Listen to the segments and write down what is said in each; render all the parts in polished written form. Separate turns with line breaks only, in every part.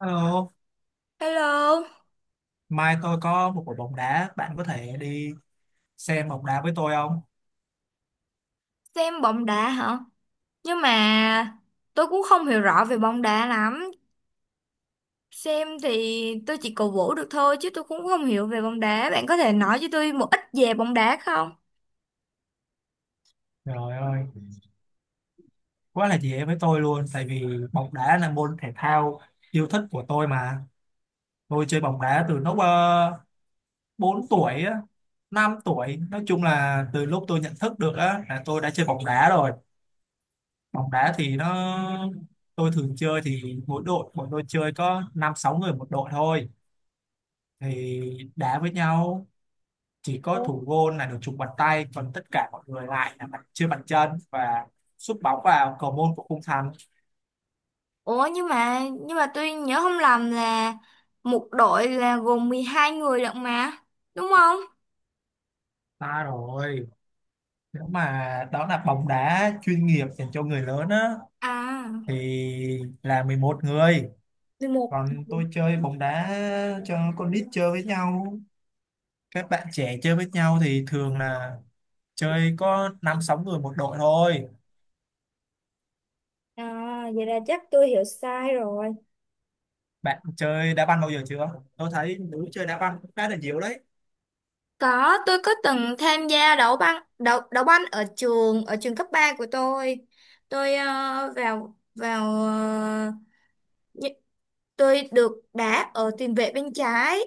Hello,
Hello,
mai tôi có một buổi bóng đá, bạn có thể đi xem bóng đá với tôi không?
xem bóng đá hả? Nhưng mà tôi cũng không hiểu rõ về bóng đá lắm. Xem thì tôi chỉ cổ vũ được thôi chứ tôi cũng không hiểu về bóng đá. Bạn có thể nói cho tôi một ít về bóng đá không?
Trời ơi, quá là dễ với tôi luôn, tại vì bóng đá là môn thể thao yêu thích của tôi mà. Tôi chơi bóng đá từ lúc 4 tuổi, á, 5 tuổi, nói chung là từ lúc tôi nhận thức được á, là tôi đã chơi bóng đá rồi. Bóng đá thì nó, tôi thường chơi thì mỗi đội, bọn tôi chơi có 5-6 người một đội thôi. Thì đá với nhau, chỉ có
Ủa
thủ môn là được chụp bàn tay, còn tất cả mọi người lại là bàn chưa bàn chân và sút bóng vào cầu môn của khung thành.
Ủa, nhưng mà tôi nhớ không lầm là một đội là gồm 12 người lận mà, đúng không?
Ta rồi, nếu mà đó là bóng đá chuyên nghiệp dành cho người lớn á
À,
thì là 11 người,
11.
còn tôi chơi bóng đá cho con nít chơi với nhau, các bạn trẻ chơi với nhau thì thường là chơi có 5-6 người một đội thôi.
À, vậy là chắc tôi hiểu sai rồi.
Bạn chơi đá banh bao giờ chưa? Tôi thấy nữ chơi đá banh cũng khá là nhiều đấy.
Có, tôi có từng tham gia đấu banh ở trường cấp 3 của tôi. Tôi ờ, vào vào ờ, nhi- tôi được đá ở tiền vệ bên trái,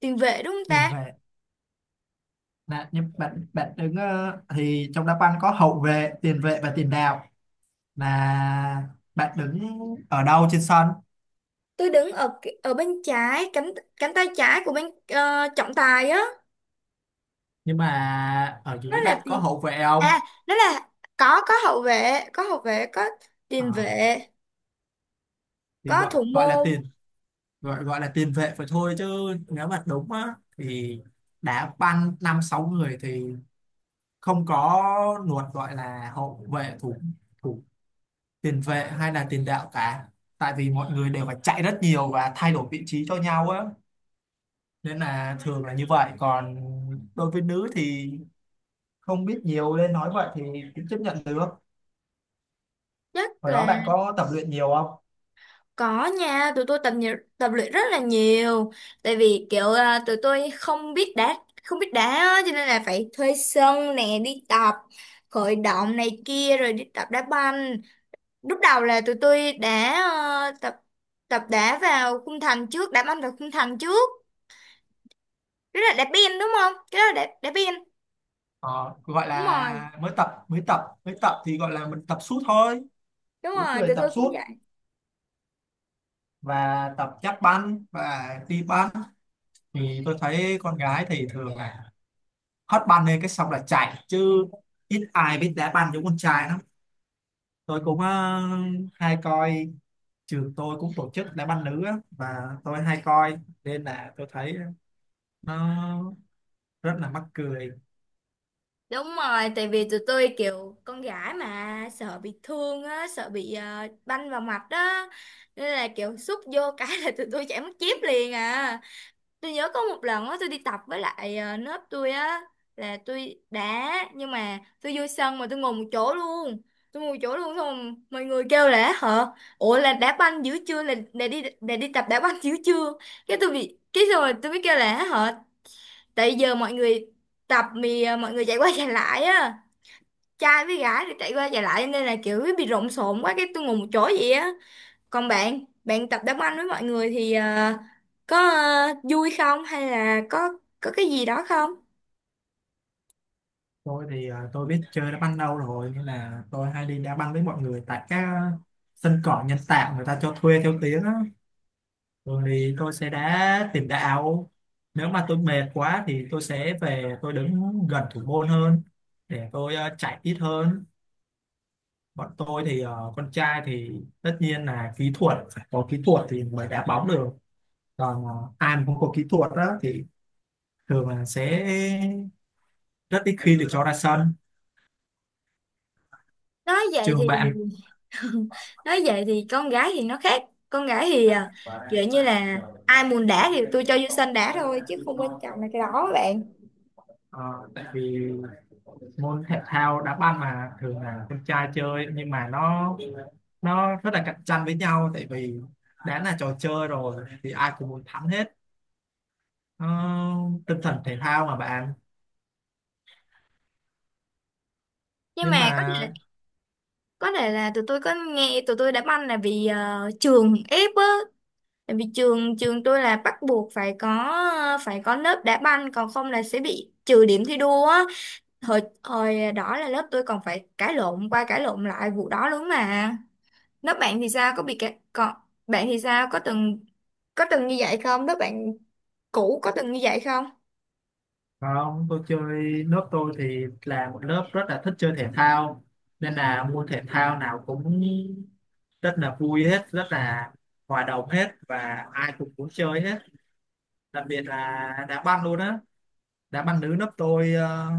tiền vệ đúng không
Nhìn
ta?
về là, nhưng bạn bạn đứng, thì trong đá banh có hậu vệ, tiền vệ và tiền đạo, là bạn đứng ở đâu trên sân?
Tôi đứng ở ở bên trái cánh cánh tay trái của bên trọng tài á.
Nhưng mà ở
Nó
dưới
là
bạn có
tiền
hậu vệ không?
à, nó là có hậu vệ, có
Ờ,
tiền vệ,
thì
có
gọi
thủ
gọi là
môn,
tiền gọi gọi là tiền vệ phải thôi chứ, nếu mà đúng á thì đá banh 5-6 người thì không có luật gọi là hậu vệ, thủ thủ tiền vệ hay là tiền đạo cả, tại vì mọi người đều phải chạy rất nhiều và thay đổi vị trí cho nhau á, nên là thường là như vậy. Còn đối với nữ thì không biết nhiều nên nói vậy thì cũng chấp nhận được.
rất
Hồi đó
là.
bạn có tập luyện nhiều không?
Có nha, tụi tôi tập nhiều, tập luyện rất là nhiều. Tại vì kiểu à, tụi tôi không biết đá, không biết đá á, cho nên là phải thuê sân nè đi tập, khởi động này kia rồi đi tập đá banh. Lúc đầu là tụi tôi đã tập tập đá vào khung thành trước, đá banh vào khung thành trước. Đó là đá biên đúng không? Cái đó là đá biên.
Ờ, gọi
Đúng rồi,
là mới tập thì gọi là mình tập sút thôi,
đúng
bốn
rồi,
người
tụi
tập
tôi cũng.
sút và tập chát banh và đi banh. Thì tôi thấy con gái thì thường là hất banh lên cái xong là chạy chứ ít ai biết đá banh giống con trai lắm. Tôi cũng hay coi, trường tôi cũng tổ chức đá banh nữ á, và tôi hay coi nên là tôi thấy nó rất là mắc cười.
Đúng rồi, tại vì tụi tôi kiểu con gái mà sợ bị thương á, sợ bị banh vào mặt đó. Nên là kiểu xúc vô cái là tụi tôi chảy mất chip liền à. Tôi nhớ có một lần á tôi đi tập với lại lớp tôi á, là tôi đá nhưng mà tôi vô sân mà tôi ngồi một chỗ luôn. Tôi ngồi một chỗ luôn xong mọi người kêu là hả? Ủa, là đá banh dữ chưa, là đi tập đá banh dữ chưa? Cái tôi bị cái xong rồi tôi mới kêu là hả? Tại giờ mọi người mọi người chạy qua chạy lại á, trai với gái rồi chạy qua chạy lại nên là kiểu bị lộn xộn quá cái tôi ngồi một chỗ vậy á. Còn bạn bạn tập đá banh với mọi người thì có vui không hay là có cái gì đó không?
Tôi thì tôi biết chơi đá banh đâu rồi nên là tôi hay đi đá banh với mọi người tại các sân cỏ nhân tạo người ta cho thuê theo tiếng á. Thường thì tôi sẽ đá tiền đạo, nếu mà tôi mệt quá thì tôi sẽ về tôi đứng gần thủ môn hơn để tôi chạy ít hơn. Bọn tôi thì con trai thì tất nhiên là kỹ thuật phải có kỹ thuật thì mới đá bóng được, còn ai mà không có kỹ thuật đó thì thường là sẽ rất ít khi được cho ra sân.
Nói vậy
Trường
thì
bạn.
nói vậy thì con gái thì nó khác. Con gái thì kiểu như là ai muốn đá thì tôi cho vô sân đá thôi chứ không quan trọng là cái đó các bạn.
Ờ, tại vì môn thể thao đá banh mà thường là con trai chơi, nhưng mà nó rất là cạnh tranh với nhau, tại vì đã là trò chơi rồi thì ai cũng muốn thắng hết. Ờ, tinh thần thể thao mà bạn,
Nhưng
nhưng
mà có
mà
thể có thể là tụi tôi có nghe, tụi tôi đá banh là vì trường ép á. Tại vì trường trường tôi là bắt buộc phải có lớp đá banh còn không là sẽ bị trừ điểm thi đua á. Hồi hồi đó là lớp tôi còn phải cãi lộn qua cãi lộn lại vụ đó luôn mà. Lớp bạn thì sao, có bị cãi còn bạn thì sao, có từng như vậy không? Lớp bạn cũ có từng như vậy không?
không. Tôi chơi lớp tôi thì là một lớp rất là thích chơi thể thao, nên là môn thể thao nào cũng rất là vui hết, rất là hòa đồng hết và ai cũng muốn chơi hết, đặc biệt là đá banh luôn á. Đá banh nữ lớp tôi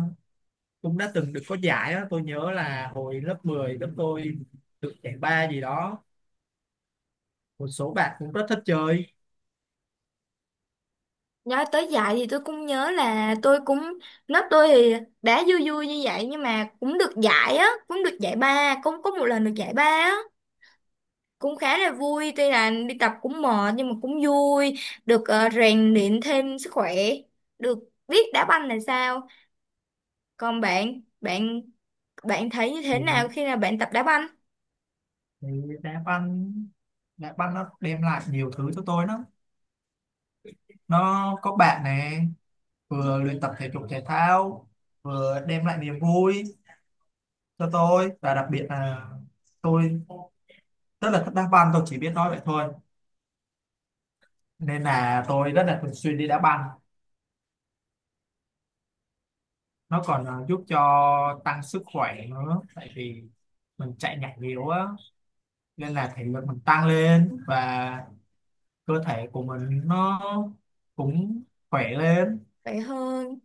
cũng đã từng được có giải đó, tôi nhớ là hồi lớp 10 lớp tôi được giải ba gì đó, một số bạn cũng rất thích chơi.
Nói tới dạy thì tôi cũng nhớ là tôi cũng, lớp tôi thì đá vui vui như vậy nhưng mà cũng được giải á, cũng được giải ba, cũng có một lần được giải ba á. Cũng khá là vui, tuy là đi tập cũng mệt nhưng mà cũng vui, được rèn luyện thêm sức khỏe, được biết đá banh là sao. Còn bạn, bạn thấy như thế
thì,
nào khi nào bạn tập đá banh?
thì đá banh, đá banh nó đem lại nhiều thứ cho tôi lắm, nó có bạn này, vừa luyện tập thể dục thể thao, vừa đem lại niềm vui cho tôi, và đặc biệt là tôi rất là thích đá banh, tôi chỉ biết nói vậy thôi. Nên là tôi rất là thường xuyên đi đá banh, nó còn giúp cho tăng sức khỏe nữa, tại vì mình chạy nhảy nhiều á nên là thể lực mình tăng lên và cơ thể của mình nó cũng khỏe lên.
Vậy hơn.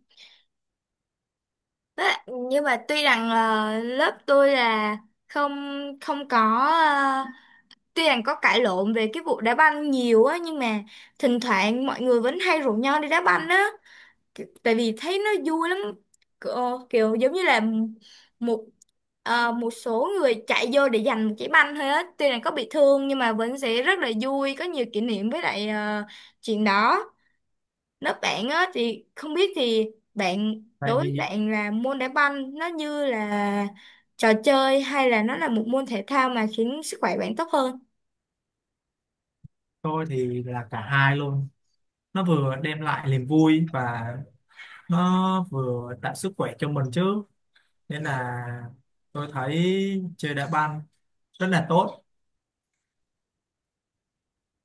Đó, nhưng mà tuy rằng lớp tôi là không không có ờ, tuy rằng có cãi lộn về cái vụ đá banh nhiều á nhưng mà thỉnh thoảng mọi người vẫn hay rủ nhau đi đá banh á. Tại vì thấy nó vui lắm, kiểu giống như là một một số người chạy vô để giành một trái banh thôi á, tuy là có bị thương nhưng mà vẫn sẽ rất là vui, có nhiều kỷ niệm với lại chuyện đó. Nếu bạn á thì không biết thì bạn,
Tại
đối với
vì
bạn là môn đá banh nó như là trò chơi hay là nó là một môn thể thao mà khiến sức khỏe bạn tốt hơn?
tôi thì là cả hai luôn, nó vừa đem lại niềm vui và nó vừa tạo sức khỏe cho mình chứ, nên là tôi thấy chơi đá banh rất là tốt.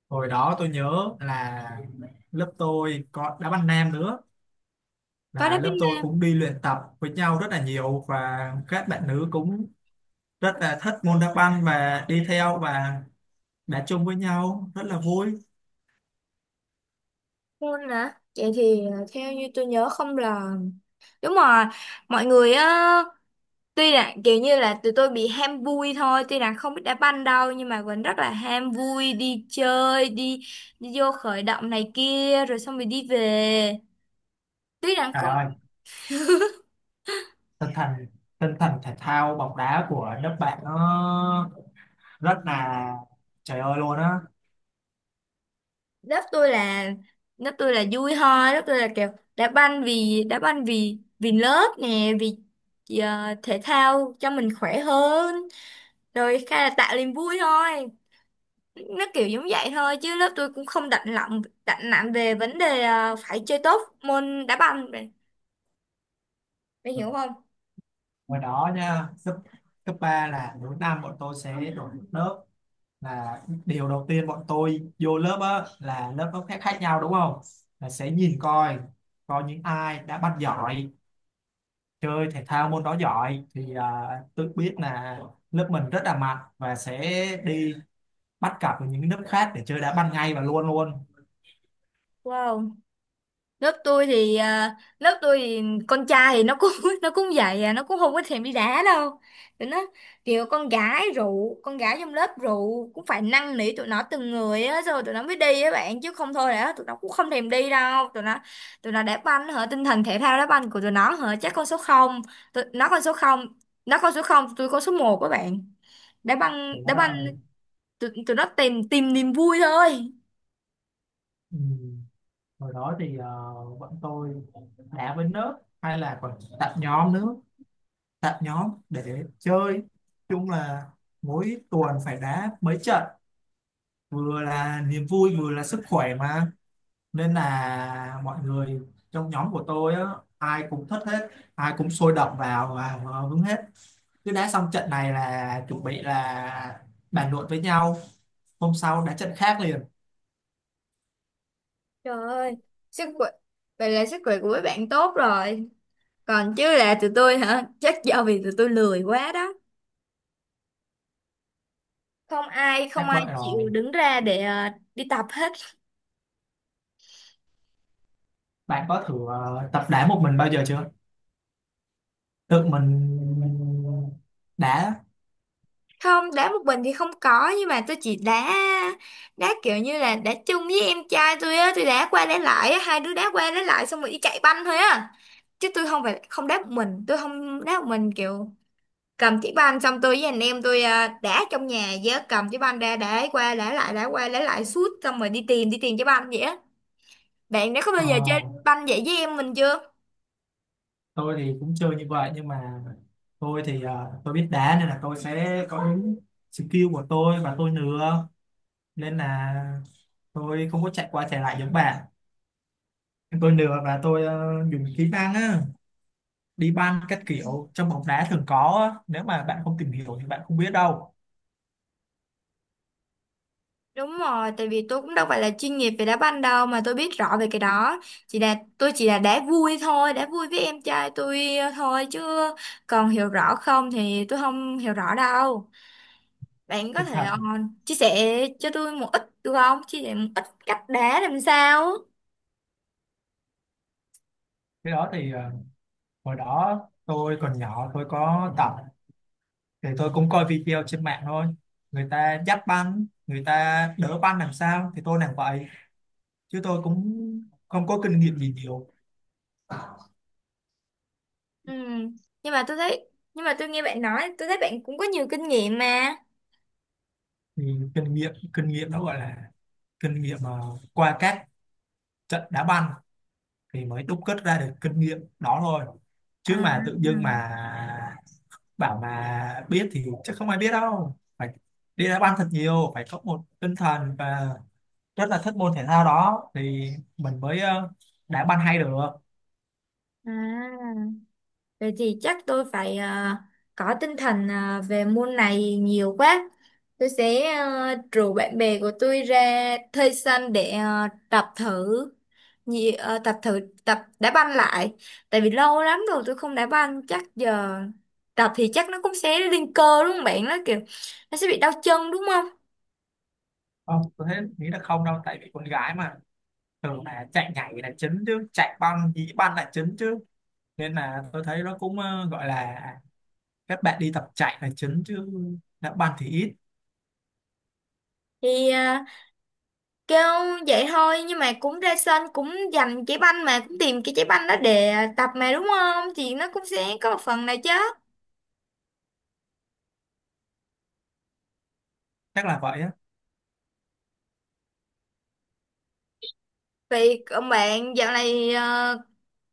Hồi đó tôi nhớ là lớp tôi có đá banh nam nữa,
Có đá
là lớp tôi
banh
cũng đi luyện tập với nhau rất là nhiều và các bạn nữ cũng rất là thích môn đá banh và đi theo và đá chung với nhau rất là vui.
môn hả? Vậy thì theo như tôi nhớ không là đúng rồi, mọi người á, tuy là kiểu như là tụi tôi bị ham vui thôi, tuy là không biết đá banh đâu nhưng mà vẫn rất là ham vui đi chơi, đi đi vô khởi động này kia rồi xong rồi đi về, tuy rằng
Trời
không.
ơi, tinh thần tinh thần thể thao bóng đá của nước bạn nó rất là trời ơi luôn á.
Lớp tôi là lớp tôi là vui thôi. Lớp tôi là kiểu đá banh vì đá banh, vì vì lớp nè, vì thể thao cho mình khỏe hơn rồi khai là tạo niềm vui thôi. Nó kiểu giống vậy thôi chứ lớp tôi cũng không đặt nặng về vấn đề phải chơi tốt môn đá banh, mày hiểu không?
Ngoài đó nha, cấp cấp 3 là mỗi năm bọn tôi sẽ đổi một lớp, là điều đầu tiên bọn tôi vô lớp á là lớp nó khác khác nhau đúng không? Là sẽ nhìn coi coi những ai đã bắt giỏi, chơi thể thao môn đó giỏi thì tự biết là lớp mình rất là mạnh và sẽ đi bắt cặp với những nước khác để chơi đá ban ngày và luôn luôn.
Wow, lớp tôi thì con trai thì nó cũng nó cũng vậy à, nó cũng không có thèm đi đá đâu. Tụi nó kiểu con gái rượu, con gái trong lớp rượu cũng phải năn nỉ tụi nó từng người á rồi tụi nó mới đi á bạn, chứ không thôi là tụi nó cũng không thèm đi đâu. Tụi nó, tụi nó đá banh hả, tinh thần thể thao đá banh của tụi nó hả, chắc con số không. Nó con số không, nó con số không, tôi con số một các bạn. đá banh
Trời
đá
đất
banh
ơi.
Tụi nó tìm tìm niềm vui thôi.
Ừ. Hồi đó thì bọn tôi đá với nước hay là còn tạo nhóm nữa, tạo nhóm để chơi chung, là mỗi tuần phải đá mấy trận, vừa là niềm vui vừa là sức khỏe mà, nên là mọi người trong nhóm của tôi á, ai cũng thích hết, ai cũng sôi động vào và hứng hết, cứ đá xong trận này là chuẩn bị là bàn luận với nhau hôm sau đá trận khác liền.
Trời ơi, sức khỏe, vậy là sức khỏe của mấy bạn tốt rồi. Còn chứ, là tụi tôi hả? Chắc do vì tụi tôi lười quá đó. Không ai không
Chắc
ai
vậy
chịu
rồi.
đứng ra để đi tập hết.
Bạn có thử tập đá một mình bao giờ chưa? Tự mình đá.
Không, đá một mình thì không có nhưng mà tôi chỉ đá đá kiểu như là đá chung với em trai tôi á, tôi đá qua đá lại á, hai đứa đá qua đá lại xong rồi đi chạy banh thôi á. Chứ tôi không phải không đá một mình, tôi không đá một mình kiểu cầm chiếc banh xong tôi với anh em tôi đá trong nhà, với cầm chiếc banh ra đá qua đá lại, đá qua đá lại suốt xong rồi đi tìm chiếc banh vậy á. Bạn đã có bao
Ờ,
giờ chơi banh vậy với em mình chưa?
tôi thì cũng chơi như vậy nhưng mà tôi thì tôi biết đá nên là tôi sẽ có những skill của tôi và tôi nừa, nên là tôi không có chạy qua chạy lại giống bạn. Tôi nừa và tôi dùng kỹ năng á, đi banh các kiểu trong bóng đá thường có á. Nếu mà bạn không tìm hiểu thì bạn không biết đâu.
Đúng rồi, tại vì tôi cũng đâu phải là chuyên nghiệp về đá banh đâu mà tôi biết rõ về cái đó. Chỉ là tôi chỉ là đá vui thôi, đá vui với em trai tôi thôi chứ, còn hiểu rõ không thì tôi không hiểu rõ đâu. Bạn có thể
Thật,
chia sẻ cho tôi một ít được không, chia sẻ một ít cách đá làm sao?
cái đó thì hồi đó tôi còn nhỏ tôi có tập thì tôi cũng coi video trên mạng thôi, người ta dắt banh người ta đỡ banh làm sao thì tôi làm vậy chứ tôi cũng không có kinh nghiệm gì nhiều.
Ừ. Nhưng mà tôi thấy, nhưng mà tôi nghe bạn nói tôi thấy bạn cũng có nhiều kinh nghiệm mà.
Thì kinh nghiệm nó gọi là kinh nghiệm mà qua các trận đá banh thì mới đúc kết ra được kinh nghiệm đó thôi, chứ
À, à.
mà tự dưng mà bảo mà biết thì chắc không ai biết đâu. Phải đi đá banh thật nhiều, phải có một tinh thần và rất là thích môn thể thao đó thì mình mới đá banh hay được.
À. Vậy thì chắc tôi phải có tinh thần về môn này nhiều quá, tôi sẽ rủ bạn bè của tôi ra thuê sân để tập thử, tập thử, tập đá banh lại. Tại vì lâu lắm rồi tôi không đá banh, chắc giờ tập thì chắc nó cũng sẽ lên cơ đúng không bạn, nó kiểu nó sẽ bị đau chân đúng không?
Không tôi thấy nghĩ là không đâu, tại vì con gái mà thường là chạy nhảy là chính chứ chạy băng dĩ băng là chính chứ, nên là tôi thấy nó cũng gọi là các bạn đi tập chạy là chính chứ đá banh thì ít.
Thì kêu vậy thôi nhưng mà cũng ra sân cũng giành trái banh mà cũng tìm cái trái banh đó để tập mà, đúng không, thì nó cũng sẽ có một phần nào chứ.
Chắc là vậy á.
Vậy còn bạn, dạo này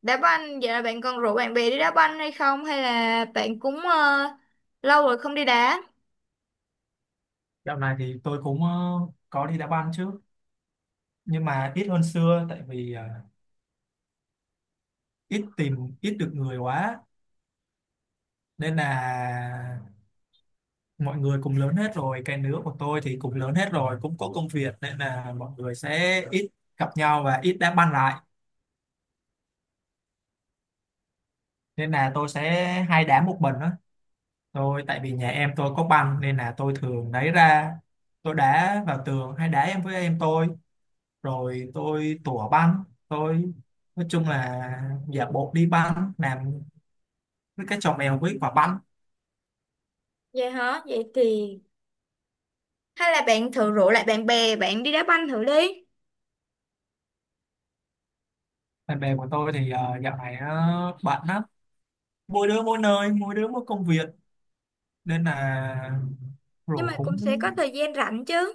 đá banh, dạo này bạn còn rủ bạn bè đi đá banh hay không, hay là bạn cũng lâu rồi không đi đá?
Dạo này thì tôi cũng có đi đá banh chứ, nhưng mà ít hơn xưa tại vì ít tìm ít được người quá, nên là mọi người cũng lớn hết rồi, cái lứa của tôi thì cũng lớn hết rồi cũng có công việc, nên là mọi người sẽ ít gặp nhau và ít đá banh lại, nên là tôi sẽ hay đá một mình đó. Tôi tại vì nhà em tôi có banh nên là tôi thường lấy ra, tôi đá vào tường hay đá em với em tôi, rồi tôi tủa banh, tôi nói chung là giả bộ đi banh làm với cái trò mèo với quả banh.
Vậy hả, vậy thì hay là bạn thử rủ lại bạn bè bạn đi đá banh thử đi.
Bạn bè của tôi thì dạo này nó bận lắm, mỗi đứa mỗi nơi, mỗi đứa mỗi công việc nên là
Nhưng
rủ
mà cũng
cũng
sẽ có thời gian rảnh chứ.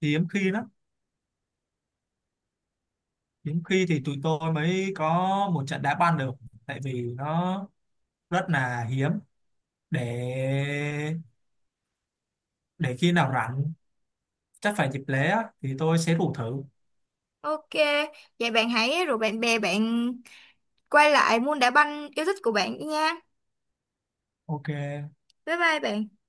hiếm khi lắm. Hiếm khi thì tụi tôi mới có một trận đá banh được, tại vì nó rất là hiếm, để để khi nào rảnh chắc phải dịp lễ á, thì tôi sẽ rủ thử.
Ok, vậy bạn hãy rủ bạn bè bạn quay lại môn đá banh yêu thích của bạn đi nha.
Ok.
Bye bye bạn.